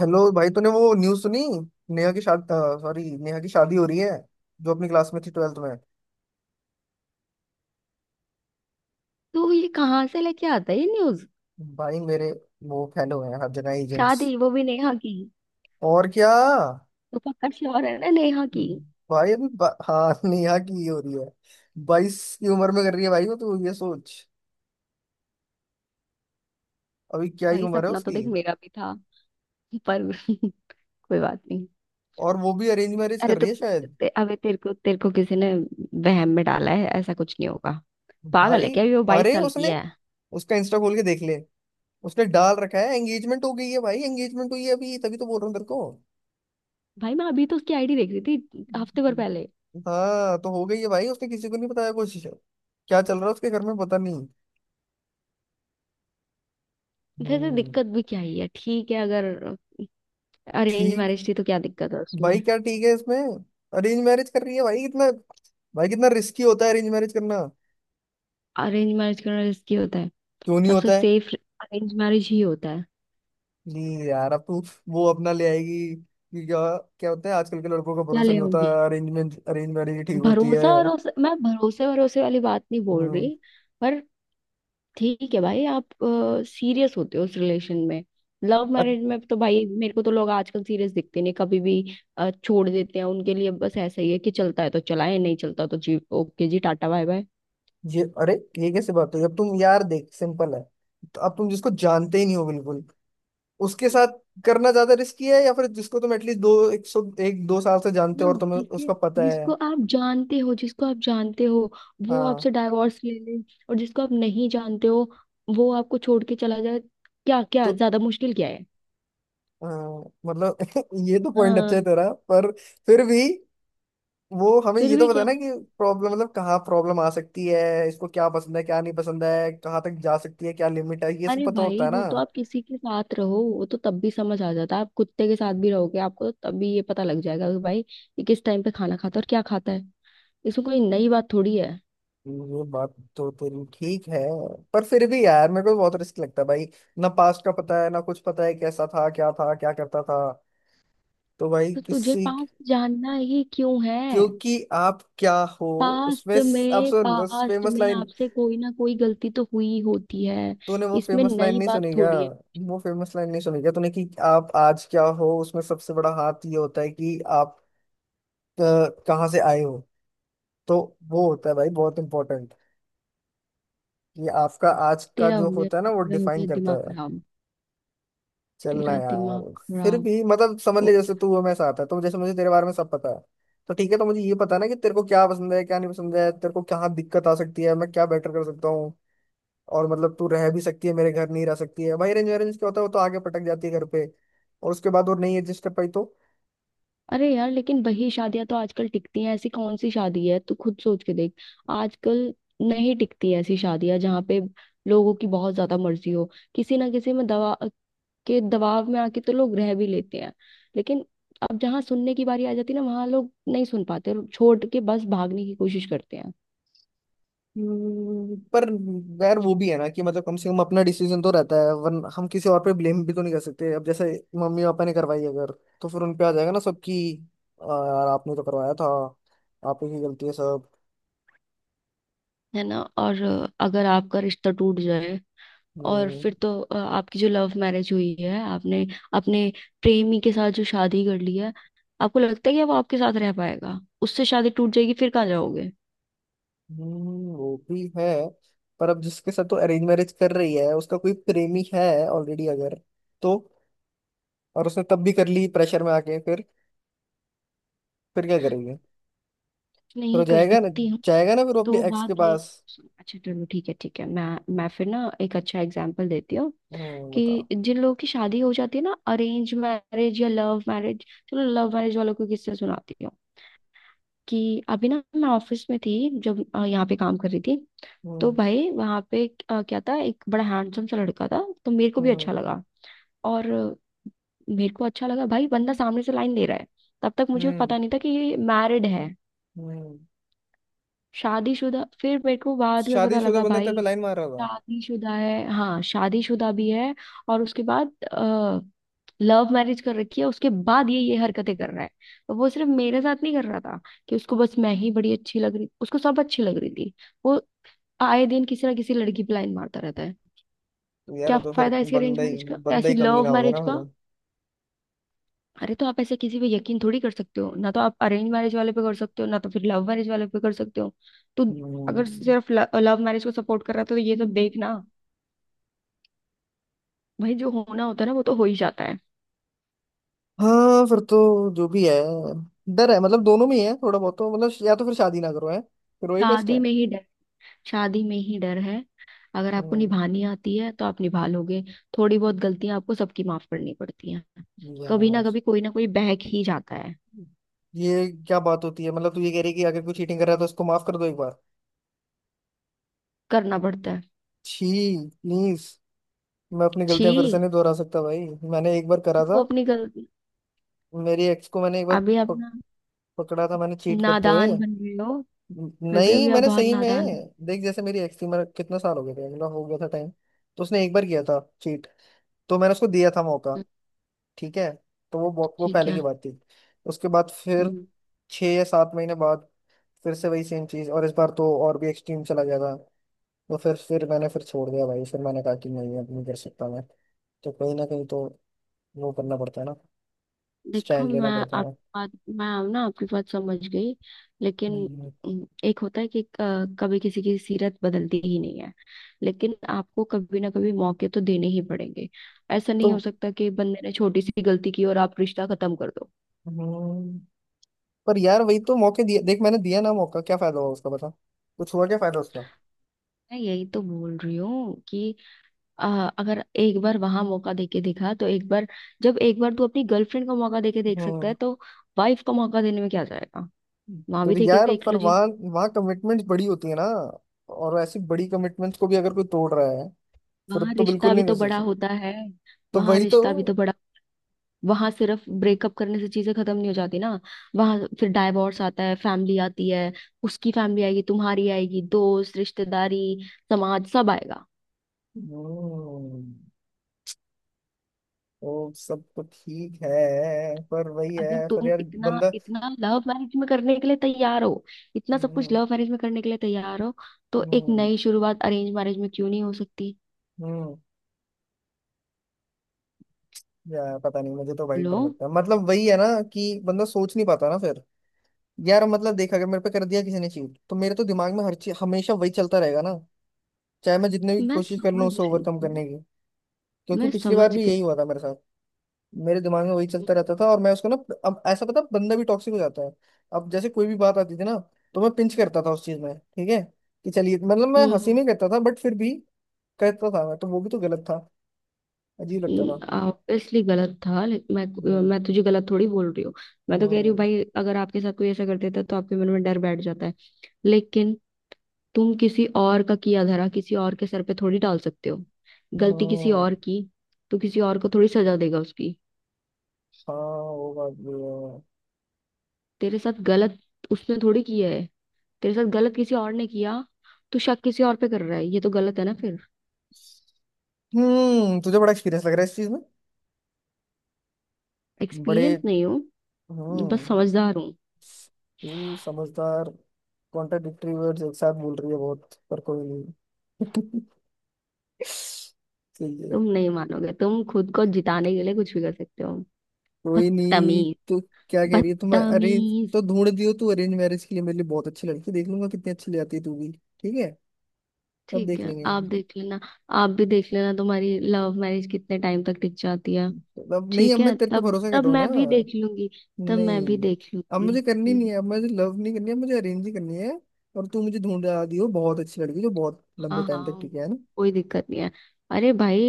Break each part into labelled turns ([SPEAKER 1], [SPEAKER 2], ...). [SPEAKER 1] Hello भाई, तूने वो न्यूज़ सुनी? नेहा की शादी। सॉरी, नेहा की शादी हो रही है, जो अपनी क्लास में थी, ट्वेल्थ में।
[SPEAKER 2] तो ये कहाँ से लेके आता है ये न्यूज।
[SPEAKER 1] भाई मेरे, वो फैन हो गए हैं, हर जगह एजेंट्स।
[SPEAKER 2] शादी, वो भी नेहा की।
[SPEAKER 1] और क्या।
[SPEAKER 2] तो पक्का श्योर है ना, नेहा की।
[SPEAKER 1] हाँ नेहा की ही हो रही है। बाईस की उम्र में कर रही है भाई, वो तो ये सोच। अभी क्या ही
[SPEAKER 2] भाई
[SPEAKER 1] उम्र है
[SPEAKER 2] सपना तो
[SPEAKER 1] उसकी।
[SPEAKER 2] देख मेरा भी था, पर कोई बात नहीं।
[SPEAKER 1] और वो भी अरेंज मैरिज
[SPEAKER 2] अरे
[SPEAKER 1] कर
[SPEAKER 2] तो
[SPEAKER 1] रही है शायद।
[SPEAKER 2] अबे तेरे को किसी ने वहम में डाला है, ऐसा कुछ नहीं होगा। पागल
[SPEAKER 1] भाई
[SPEAKER 2] है क्या, अभी वो 22
[SPEAKER 1] अरे
[SPEAKER 2] साल की
[SPEAKER 1] उसने,
[SPEAKER 2] है।
[SPEAKER 1] उसका इंस्टा खोल के देख ले। उसने डाल रखा है, एंगेजमेंट हो गई है भाई, एंगेजमेंट हुई है अभी, तभी तो बोल रहा हूँ तेरे को।
[SPEAKER 2] भाई मैं अभी तो उसकी आईडी देख रही थी हफ्ते भर
[SPEAKER 1] हम्म।
[SPEAKER 2] पहले।
[SPEAKER 1] हाँ तो हो गई है भाई, उसने किसी को नहीं बताया कुछ। क्या चल रहा है उसके घर में, पता नहीं।
[SPEAKER 2] वैसे तो
[SPEAKER 1] हम्म।
[SPEAKER 2] दिक्कत भी क्या ही है, ठीक है अगर अरेंज
[SPEAKER 1] ठीक।
[SPEAKER 2] मैरिज थी तो क्या दिक्कत है
[SPEAKER 1] भाई
[SPEAKER 2] उसमें।
[SPEAKER 1] क्या ठीक है इसमें? अरेंज मैरिज कर रही है भाई, कितना। भाई कितना रिस्की होता है अरेंज मैरिज करना।
[SPEAKER 2] अरेंज मैरिज करना रिस्की होता है?
[SPEAKER 1] क्यों नहीं
[SPEAKER 2] सबसे
[SPEAKER 1] होता है?
[SPEAKER 2] सेफ अरेंज मैरिज ही होता है।
[SPEAKER 1] नहीं यार, अब तू, वो अपना ले आएगी कि क्या? क्या होता है, आजकल के लड़कों का
[SPEAKER 2] क्या
[SPEAKER 1] भरोसा
[SPEAKER 2] ले
[SPEAKER 1] नहीं होता,
[SPEAKER 2] आऊंगी।
[SPEAKER 1] अरेंजमेंट अरेंज मैरिज ठीक होती है।
[SPEAKER 2] भरोसा, भरोसा मैं भरोसे भरोसे वाली बात नहीं बोल
[SPEAKER 1] हम्म।
[SPEAKER 2] रही। पर ठीक है भाई, आप सीरियस होते हो उस रिलेशन में? लव
[SPEAKER 1] अ-
[SPEAKER 2] मैरिज में तो भाई मेरे को तो लोग आजकल सीरियस दिखते नहीं कभी भी। छोड़ देते हैं उनके लिए, बस ऐसा ही है कि चलता है तो चलाए, नहीं चलता तो जी ओके जी, टाटा बाय बाय।
[SPEAKER 1] ये अरे, ये कैसे बात हुई? अब तुम यार देख, सिंपल है। तो अब तुम जिसको जानते ही नहीं हो बिल्कुल, उसके साथ करना ज्यादा रिस्की है, या फिर जिसको तुम एटलीस्ट दो, एक सौ, एक दो साल से जानते
[SPEAKER 2] ना,
[SPEAKER 1] हो और तुम्हें
[SPEAKER 2] जिसे
[SPEAKER 1] उसका पता है।
[SPEAKER 2] जिसको आप जानते हो वो
[SPEAKER 1] हाँ।
[SPEAKER 2] आपसे डाइवोर्स ले ले, और जिसको आप नहीं जानते हो वो आपको छोड़ के चला जाए। क्या क्या
[SPEAKER 1] तो
[SPEAKER 2] ज्यादा मुश्किल, क्या है?
[SPEAKER 1] हाँ, मतलब ये तो पॉइंट अच्छा
[SPEAKER 2] हाँ,
[SPEAKER 1] है तेरा, पर फिर भी, वो हमें
[SPEAKER 2] फिर
[SPEAKER 1] ये तो
[SPEAKER 2] भी
[SPEAKER 1] पता है
[SPEAKER 2] क्या?
[SPEAKER 1] ना कि प्रॉब्लम, मतलब कहाँ प्रॉब्लम आ सकती है, इसको क्या पसंद है क्या नहीं पसंद है, कहाँ तक जा सकती है, क्या लिमिट है, ये सब
[SPEAKER 2] अरे
[SPEAKER 1] पता होता
[SPEAKER 2] भाई
[SPEAKER 1] है
[SPEAKER 2] वो
[SPEAKER 1] ना।
[SPEAKER 2] तो आप किसी के साथ रहो वो तो तब भी समझ आ जाता है। आप कुत्ते के साथ भी रहोगे आपको तो तब भी ये पता लग जाएगा कि भाई ये किस टाइम पे खाना खाता है और क्या खाता है। इसमें कोई नई बात थोड़ी है।
[SPEAKER 1] ये बात तो तेरी ठीक है, पर फिर भी यार मेरे को बहुत रिस्क लगता है भाई। ना पास्ट का पता है, ना कुछ पता है कैसा था, क्या था, क्या करता था। तो भाई
[SPEAKER 2] तो तुझे
[SPEAKER 1] किसी,
[SPEAKER 2] पास्ट जानना ही क्यों है?
[SPEAKER 1] क्योंकि आप क्या हो
[SPEAKER 2] पास्ट
[SPEAKER 1] उसमें आप
[SPEAKER 2] में
[SPEAKER 1] सुन उस
[SPEAKER 2] पास्ट
[SPEAKER 1] फेमस
[SPEAKER 2] में
[SPEAKER 1] लाइन।
[SPEAKER 2] आपसे कोई ना कोई गलती तो हुई होती है।
[SPEAKER 1] तूने वो
[SPEAKER 2] इसमें
[SPEAKER 1] फेमस लाइन
[SPEAKER 2] नई
[SPEAKER 1] नहीं
[SPEAKER 2] बात
[SPEAKER 1] सुनी क्या?
[SPEAKER 2] थोड़ी है।
[SPEAKER 1] वो फेमस लाइन नहीं सुनी क्या तूने, कि आप आज क्या हो उसमें सबसे बड़ा हाथ ये होता है कि आप अ, कहाँ से आए हो। तो वो होता है भाई बहुत इंपॉर्टेंट, कि आपका आज का
[SPEAKER 2] तेरा हो
[SPEAKER 1] जो
[SPEAKER 2] गया।
[SPEAKER 1] होता है ना, वो
[SPEAKER 2] मेरा हो गया
[SPEAKER 1] डिफाइन करता
[SPEAKER 2] दिमाग
[SPEAKER 1] है।
[SPEAKER 2] खराब।
[SPEAKER 1] चलना
[SPEAKER 2] तेरा दिमाग
[SPEAKER 1] यार, फिर
[SPEAKER 2] खराब।
[SPEAKER 1] भी मतलब समझ ले, जैसे तू और मैं साथ है, तो जैसे मुझे तेरे बारे में सब पता है, तो ठीक है, तो मुझे ये पता है ना कि तेरे को क्या पसंद है क्या नहीं पसंद है, तेरे को क्या दिक्कत आ सकती है, मैं क्या बेटर कर सकता हूँ। और मतलब तू रह भी सकती है मेरे घर, नहीं रह सकती है भाई, अरेंज अरेंज क्या होता है, वो तो आगे पटक जाती है घर पे, और उसके बाद वो नहीं एडजस्ट कर पाई तो।
[SPEAKER 2] अरे यार, लेकिन वही शादियां तो आजकल टिकती हैं। ऐसी कौन सी शादी है, तू खुद सोच के देख आजकल। नहीं टिकती हैं ऐसी शादियां जहाँ पे लोगों की बहुत ज्यादा मर्जी हो। किसी ना किसी में दवा के दबाव में आके तो लोग रह भी लेते हैं, लेकिन अब जहाँ सुनने की बारी आ जाती है ना, वहां लोग नहीं सुन पाते और छोड़ के बस भागने की कोशिश करते हैं।
[SPEAKER 1] पर यार वो भी है ना कि मतलब कम से कम अपना डिसीजन तो रहता है, वरना हम किसी और पे ब्लेम भी तो नहीं कर सकते। अब जैसे मम्मी पापा ने करवाई अगर, तो फिर उन पे आ जाएगा ना सब, कि "यार आपने तो करवाया था, आप ही की गलती है सब"।
[SPEAKER 2] है ना, और अगर आपका रिश्ता टूट जाए, और फिर
[SPEAKER 1] हम्म।
[SPEAKER 2] तो आपकी जो लव मैरिज हुई है, आपने अपने प्रेमी के साथ जो शादी कर ली है, आपको लगता है कि वो आपके साथ रह पाएगा? उससे शादी टूट जाएगी फिर कहाँ जाओगे?
[SPEAKER 1] वो भी है। पर अब जिसके साथ तो अरेंज मैरिज कर रही है, उसका कोई प्रेमी है ऑलरेडी अगर, तो, और उसने तब भी कर ली प्रेशर में आके, फिर क्या करेंगे? फिर
[SPEAKER 2] नहीं
[SPEAKER 1] वो
[SPEAKER 2] कर
[SPEAKER 1] जाएगा ना,
[SPEAKER 2] सकती हूँ।
[SPEAKER 1] जाएगा ना फिर वो अपनी
[SPEAKER 2] तो
[SPEAKER 1] एक्स के
[SPEAKER 2] बात ये
[SPEAKER 1] पास।
[SPEAKER 2] अच्छा चलो, ठीक है ठीक है, मैं फिर ना एक अच्छा एग्जाम्पल देती हूँ
[SPEAKER 1] हम्म, बताओ।
[SPEAKER 2] कि जिन लोगों की शादी हो जाती है ना, अरेंज मैरिज या लव मैरिज। चलो लव मैरिज वालों को किससे सुनाती हूँ। कि अभी ना मैं ऑफिस में थी जब यहाँ पे काम कर रही थी, तो
[SPEAKER 1] हम्म।
[SPEAKER 2] भाई वहां पे क्या था, एक बड़ा हैंडसम सा लड़का था, तो मेरे को भी अच्छा
[SPEAKER 1] हम्म।
[SPEAKER 2] लगा। और मेरे को अच्छा लगा भाई, बंदा सामने से लाइन दे रहा है। तब तक मुझे
[SPEAKER 1] हम्म।
[SPEAKER 2] पता नहीं था कि ये मैरिड है,
[SPEAKER 1] हम्म।
[SPEAKER 2] शादीशुदा। फिर मेरे को बाद में पता
[SPEAKER 1] शादीशुदा
[SPEAKER 2] लगा
[SPEAKER 1] बंदा तेरे
[SPEAKER 2] भाई
[SPEAKER 1] पे लाइन मार रहा होगा।
[SPEAKER 2] शादीशुदा है, हाँ शादीशुदा भी है। और उसके बाद लव मैरिज कर रखी है, उसके बाद ये हरकतें कर रहा है। और वो सिर्फ मेरे साथ नहीं कर रहा था कि उसको बस मैं ही बड़ी अच्छी लग रही, उसको सब अच्छी लग रही थी। वो आए दिन किसी ना किसी लड़की पे लाइन मारता रहता है।
[SPEAKER 1] तो यार,
[SPEAKER 2] क्या
[SPEAKER 1] वो तो फिर
[SPEAKER 2] फायदा इसके अरेंज
[SPEAKER 1] बंदा ही
[SPEAKER 2] मैरिज का,
[SPEAKER 1] बंदा
[SPEAKER 2] ऐसी
[SPEAKER 1] ही कमीना
[SPEAKER 2] लव
[SPEAKER 1] होगा
[SPEAKER 2] मैरिज
[SPEAKER 1] ना फिर
[SPEAKER 2] का।
[SPEAKER 1] वो।
[SPEAKER 2] अरे तो आप ऐसे किसी पे यकीन थोड़ी कर सकते हो, ना तो आप अरेंज मैरिज वाले पे कर सकते हो, ना तो फिर लव मैरिज वाले पे कर सकते हो। तो अगर
[SPEAKER 1] हम्म।
[SPEAKER 2] सिर्फ लव मैरिज को सपोर्ट कर रहा था तो ये सब देखना, भाई जो होना होता है ना वो तो हो ही जाता है।
[SPEAKER 1] हाँ फिर तो, जो भी है, डर है, मतलब दोनों में ही है थोड़ा बहुत, तो मतलब या तो फिर शादी ना करो, है फिर वही बेस्ट
[SPEAKER 2] शादी
[SPEAKER 1] है।
[SPEAKER 2] में ही डर, शादी में ही डर है। अगर आपको
[SPEAKER 1] हम्म।
[SPEAKER 2] निभानी आती है तो आप निभा लोगे। थोड़ी बहुत गलतियां आपको सबकी माफ करनी पड़ती हैं। कभी ना
[SPEAKER 1] यार,
[SPEAKER 2] कभी कोई ना कोई बहक ही जाता है।
[SPEAKER 1] ये क्या बात होती है, मतलब तू ये कह रही है कि अगर कोई चीटिंग कर रहा है तो उसको माफ कर दो एक बार?
[SPEAKER 2] करना पड़ता है।
[SPEAKER 1] छी, प्लीज। मैं अपनी गलतियां फिर से
[SPEAKER 2] छी।
[SPEAKER 1] नहीं दोहरा सकता भाई। मैंने एक बार करा
[SPEAKER 2] तू
[SPEAKER 1] था,
[SPEAKER 2] अपनी गलती,
[SPEAKER 1] मेरी एक्स को मैंने एक बार
[SPEAKER 2] अभी अपना
[SPEAKER 1] पकड़ा था, मैंने चीट करते हुए।
[SPEAKER 2] नादान बन रहे हो। बेबी
[SPEAKER 1] नहीं,
[SPEAKER 2] अभी आप
[SPEAKER 1] मैंने
[SPEAKER 2] बहुत
[SPEAKER 1] सही
[SPEAKER 2] नादान
[SPEAKER 1] में, देख जैसे मेरी एक्स थी, मेरा कितना साल हो गया था, मेरा हो गया था टाइम, तो उसने एक बार किया था चीट, तो मैंने उसको दिया था मौका।
[SPEAKER 2] बन-
[SPEAKER 1] ठीक है। तो वो
[SPEAKER 2] ठीक
[SPEAKER 1] पहले की
[SPEAKER 2] है।
[SPEAKER 1] बात थी। उसके बाद फिर
[SPEAKER 2] हम्म।
[SPEAKER 1] छः या सात महीने बाद फिर से वही सेम चीज़, और इस बार तो और भी एक्सट्रीम चला गया था। तो फिर मैंने फिर छोड़ दिया भाई, फिर मैंने कहा कि नहीं, अब नहीं कर सकता मैं। तो कहीं ना कहीं तो वो करना पड़ता है ना,
[SPEAKER 2] देखो,
[SPEAKER 1] स्टैंड लेना पड़ता है।
[SPEAKER 2] मैं ना आपकी बात समझ गई, लेकिन
[SPEAKER 1] हम्म,
[SPEAKER 2] एक होता है कि कभी किसी की सीरत बदलती ही नहीं है। लेकिन आपको कभी ना कभी मौके तो देने ही पड़ेंगे। ऐसा नहीं
[SPEAKER 1] तो।
[SPEAKER 2] हो सकता कि बंदे ने छोटी सी गलती की और आप रिश्ता खत्म कर दो।
[SPEAKER 1] हम्म, पर यार वही तो, मौके दिए देख मैंने, दिया ना मौका, क्या फायदा हुआ उसका, बता? कुछ हुआ? क्या फायदा उसका।
[SPEAKER 2] मैं यही तो बोल रही हूँ कि अ, अगर एक बार वहां मौका देके देखा, तो एक बार, जब एक बार तू अपनी गर्लफ्रेंड को मौका देके देख सकता है
[SPEAKER 1] हम्म।
[SPEAKER 2] तो वाइफ को मौका देने में क्या जाएगा। वहां भी
[SPEAKER 1] तो
[SPEAKER 2] देके
[SPEAKER 1] यार
[SPEAKER 2] देख
[SPEAKER 1] पर
[SPEAKER 2] लो जी।
[SPEAKER 1] वहाँ, वहाँ कमिटमेंट्स बड़ी होती है ना, और ऐसी बड़ी कमिटमेंट्स को भी अगर कोई तोड़ रहा है, फिर
[SPEAKER 2] वहां
[SPEAKER 1] तो बिल्कुल
[SPEAKER 2] रिश्ता भी
[SPEAKER 1] नहीं दे
[SPEAKER 2] तो बड़ा
[SPEAKER 1] सकते।
[SPEAKER 2] होता है,
[SPEAKER 1] तो
[SPEAKER 2] वहां
[SPEAKER 1] वही तो।
[SPEAKER 2] रिश्ता भी तो बड़ा, वहां सिर्फ ब्रेकअप करने से चीजें खत्म नहीं हो जाती ना। वहां फिर डाइवोर्स आता है, फैमिली आती है। उसकी फैमिली आएगी, तुम्हारी आएगी, दोस्त, रिश्तेदारी, समाज सब आएगा।
[SPEAKER 1] हम्म। तो सब तो ठीक है, पर वही
[SPEAKER 2] अगर
[SPEAKER 1] है, पर
[SPEAKER 2] तुम
[SPEAKER 1] यार
[SPEAKER 2] इतना,
[SPEAKER 1] बंदा,
[SPEAKER 2] इतना लव मैरिज में करने के लिए तैयार हो, इतना सब कुछ
[SPEAKER 1] हम्म।
[SPEAKER 2] लव मैरिज में करने के लिए तैयार हो, तो एक
[SPEAKER 1] हम्म।
[SPEAKER 2] नई शुरुआत अरेंज मैरिज में क्यों नहीं हो सकती?
[SPEAKER 1] हम्म, यार पता नहीं, मुझे तो वही
[SPEAKER 2] बोलो।
[SPEAKER 1] पर लगता है, मतलब वही है ना कि बंदा सोच नहीं पाता ना फिर। यार मतलब देख, अगर मेरे पे कर दिया किसी ने चीट, तो मेरे तो दिमाग में हर चीज हमेशा वही चलता रहेगा ना, चाहे मैं जितने भी
[SPEAKER 2] मैं
[SPEAKER 1] कोशिश कर लूँ
[SPEAKER 2] समझ
[SPEAKER 1] उसे
[SPEAKER 2] रही
[SPEAKER 1] ओवरकम
[SPEAKER 2] हूँ।
[SPEAKER 1] करने की। क्योंकि
[SPEAKER 2] मैं
[SPEAKER 1] पिछली
[SPEAKER 2] समझ
[SPEAKER 1] बार भी
[SPEAKER 2] गई।
[SPEAKER 1] यही हुआ था मेरे साथ, मेरे दिमाग में वही चलता रहता था, और मैं उसको ना, अब ऐसा पता है, बंदा भी टॉक्सिक हो जाता है। अब जैसे कोई भी बात आती थी ना, तो मैं पिंच करता था उस चीज में, ठीक है, कि चलिए मतलब मैं
[SPEAKER 2] हम्म,
[SPEAKER 1] हंसी में करता था, बट फिर भी करता था मैं, तो वो भी तो गलत था, अजीब लगता था।
[SPEAKER 2] ऑब्वियसली गलत था, लेकिन मैं
[SPEAKER 1] हम्म।
[SPEAKER 2] मैं तुझे गलत थोड़ी बोल रही हूँ। मैं तो कह रही हूँ
[SPEAKER 1] हम्म।
[SPEAKER 2] भाई, अगर आपके साथ कोई ऐसा कर देता तो आपके मन में डर बैठ जाता है। लेकिन तुम किसी और का किया धरा किसी और के सर पे थोड़ी डाल सकते हो। गलती किसी और
[SPEAKER 1] हम्म,
[SPEAKER 2] की, तो किसी और को थोड़ी सजा देगा उसकी।
[SPEAKER 1] हाँ वो बात भी है।
[SPEAKER 2] तेरे साथ गलत उसने थोड़ी किया है, तेरे साथ गलत किसी और ने किया, तो शक किसी और पे कर रहा है, ये तो गलत है ना फिर।
[SPEAKER 1] हम्म, तुझे बड़ा एक्सपीरियंस लग रहा है इस चीज में, बड़े।
[SPEAKER 2] एक्सपीरियंस नहीं हो,
[SPEAKER 1] हम्म।
[SPEAKER 2] बस समझदार हूँ।
[SPEAKER 1] तू समझदार? कॉन्ट्राडिक्टरी वर्ड्स एक साथ बोल रही है बहुत, पर कोई नहीं। सही है।
[SPEAKER 2] तुम नहीं मानोगे, तुम खुद को जिताने के लिए कुछ भी कर सकते हो।
[SPEAKER 1] कोई नहीं,
[SPEAKER 2] बदतमीज।
[SPEAKER 1] तो क्या कह रही है तुम अरे।
[SPEAKER 2] बदतमीज।
[SPEAKER 1] तो ढूंढ दियो तू अरेंज मैरिज के लिए मेरे लिए बहुत अच्छी लड़की, देख लूंगा कितनी अच्छी ले आती है तू भी। ठीक है, तब
[SPEAKER 2] ठीक
[SPEAKER 1] देख
[SPEAKER 2] है,
[SPEAKER 1] लेंगे।
[SPEAKER 2] आप देख लेना। आप भी देख लेना तुम्हारी लव मैरिज कितने टाइम तक टिक जाती है।
[SPEAKER 1] तो अब नहीं,
[SPEAKER 2] ठीक
[SPEAKER 1] अब मैं
[SPEAKER 2] है,
[SPEAKER 1] तेरे पे
[SPEAKER 2] तब
[SPEAKER 1] भरोसा कर
[SPEAKER 2] तब
[SPEAKER 1] रहा हूँ
[SPEAKER 2] मैं भी देख
[SPEAKER 1] ना।
[SPEAKER 2] लूंगी, तब मैं भी
[SPEAKER 1] नहीं,
[SPEAKER 2] देख
[SPEAKER 1] अब
[SPEAKER 2] लूंगी।
[SPEAKER 1] मुझे करनी नहीं
[SPEAKER 2] हम्म,
[SPEAKER 1] है, अब मुझे लव नहीं करनी है, मुझे अरेंज ही करनी है। और तू मुझे ढूंढ दियो बहुत अच्छी लड़की जो बहुत लंबे
[SPEAKER 2] हाँ,
[SPEAKER 1] टाइम तक
[SPEAKER 2] हाँ,
[SPEAKER 1] टिके है।
[SPEAKER 2] कोई दिक्कत नहीं है। अरे भाई,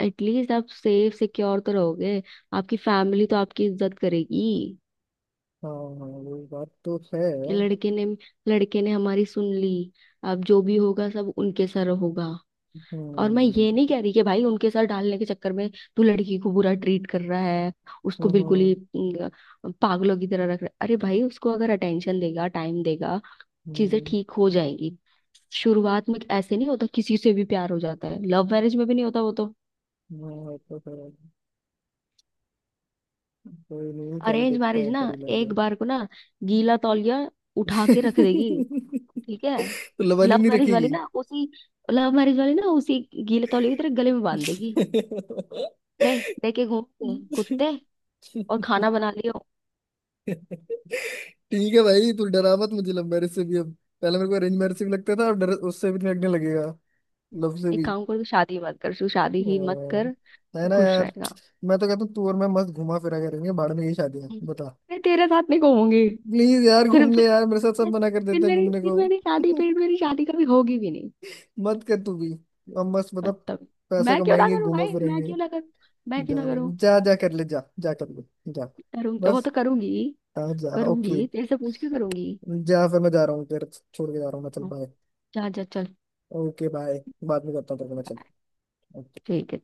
[SPEAKER 2] एटलीस्ट आप सेफ सिक्योर तो रहोगे, आपकी फैमिली तो आपकी इज्जत करेगी।
[SPEAKER 1] हाँ हाँ। वो बात तो है।
[SPEAKER 2] लड़के ने लड़के ने हमारी सुन ली, अब जो भी होगा सब उनके सर होगा। और मैं ये नहीं
[SPEAKER 1] हम्म।
[SPEAKER 2] कह रही कि भाई उनके साथ डालने के चक्कर में तू लड़की को बुरा ट्रीट कर रहा है, उसको
[SPEAKER 1] हम्म।
[SPEAKER 2] बिल्कुल
[SPEAKER 1] हम्म।
[SPEAKER 2] ही पागलों की तरह रख रहा है। अरे भाई उसको अगर अटेंशन देगा, टाइम देगा, चीजें
[SPEAKER 1] हम्म,
[SPEAKER 2] ठीक हो जाएगी। शुरुआत में ऐसे नहीं होता, किसी से भी प्यार हो जाता है, लव मैरिज में भी नहीं होता वो तो।
[SPEAKER 1] हाँ, वो तो है। कोई नहीं, चल
[SPEAKER 2] अरेंज
[SPEAKER 1] देखते
[SPEAKER 2] मैरिज
[SPEAKER 1] हैं,
[SPEAKER 2] ना,
[SPEAKER 1] कर ही
[SPEAKER 2] एक
[SPEAKER 1] लेंगे।
[SPEAKER 2] बार को ना, गीला तौलिया उठा के रख देगी। ठीक है।
[SPEAKER 1] तो लवाली
[SPEAKER 2] लव
[SPEAKER 1] नहीं
[SPEAKER 2] मैरिज वाली
[SPEAKER 1] रखेगी।
[SPEAKER 2] ना उसी लव मैरिज वाली ना उसी गीले तौलिया की तरह गले में बांध देगी। ले लेके घूमते हैं कुत्ते। और खाना बना लियो।
[SPEAKER 1] ठीक है भाई, तू डरा मत मुझे लव मैरिज से भी अब, पहले मेरे को अरेंज मैरिज से भी लगता था, अब डर उससे भी लगने लगेगा, लव से
[SPEAKER 2] एक
[SPEAKER 1] भी।
[SPEAKER 2] काम कर, तू शादी मत कर, तू शादी ही मत कर,
[SPEAKER 1] हाँ, है
[SPEAKER 2] तू
[SPEAKER 1] ना
[SPEAKER 2] खुश
[SPEAKER 1] यार,
[SPEAKER 2] रहेगा।
[SPEAKER 1] मैं तो कहता हूँ तू और मैं मस्त घुमा फिरा करेंगे, भाड़ में यही शादी है,
[SPEAKER 2] हम्म।
[SPEAKER 1] बता।
[SPEAKER 2] मैं तेरे साथ नहीं घूमूंगी।
[SPEAKER 1] प्लीज यार
[SPEAKER 2] फिर
[SPEAKER 1] घूम ले
[SPEAKER 2] फिर
[SPEAKER 1] यार मेरे साथ, सब
[SPEAKER 2] मैं-
[SPEAKER 1] मना कर
[SPEAKER 2] फिर
[SPEAKER 1] देते हैं
[SPEAKER 2] मेरी
[SPEAKER 1] घूमने
[SPEAKER 2] फिर
[SPEAKER 1] को।
[SPEAKER 2] मेरी शादी फिर मेरी शादी कभी होगी भी नहीं।
[SPEAKER 1] मत कर तू भी, हम मस्त मतलब
[SPEAKER 2] मतलब,
[SPEAKER 1] पैसे
[SPEAKER 2] मैं क्यों ना
[SPEAKER 1] कमाएंगे,
[SPEAKER 2] करूं
[SPEAKER 1] घूमा
[SPEAKER 2] भाई, मैं
[SPEAKER 1] फिरेंगे।
[SPEAKER 2] क्यों ना करूं, मैं क्यों
[SPEAKER 1] जा,
[SPEAKER 2] ना करूं।
[SPEAKER 1] जा जा कर ले, जा जा कर ले, जा।
[SPEAKER 2] करूंगी, वो
[SPEAKER 1] बस।
[SPEAKER 2] तो करूंगी,
[SPEAKER 1] हाँ जा, ओके।
[SPEAKER 2] करूंगी तेरे से पूछ के करूंगी।
[SPEAKER 1] जा फिर, मैं जा रहा हूँ फिर, छोड़ के जा रहा हूँ मैं, चल
[SPEAKER 2] हाँ,
[SPEAKER 1] बाय।
[SPEAKER 2] जा जा चल,
[SPEAKER 1] ओके बाय, बाद में करता हूँ तेरे को मैं।
[SPEAKER 2] बाय।
[SPEAKER 1] चल।
[SPEAKER 2] ठीक है।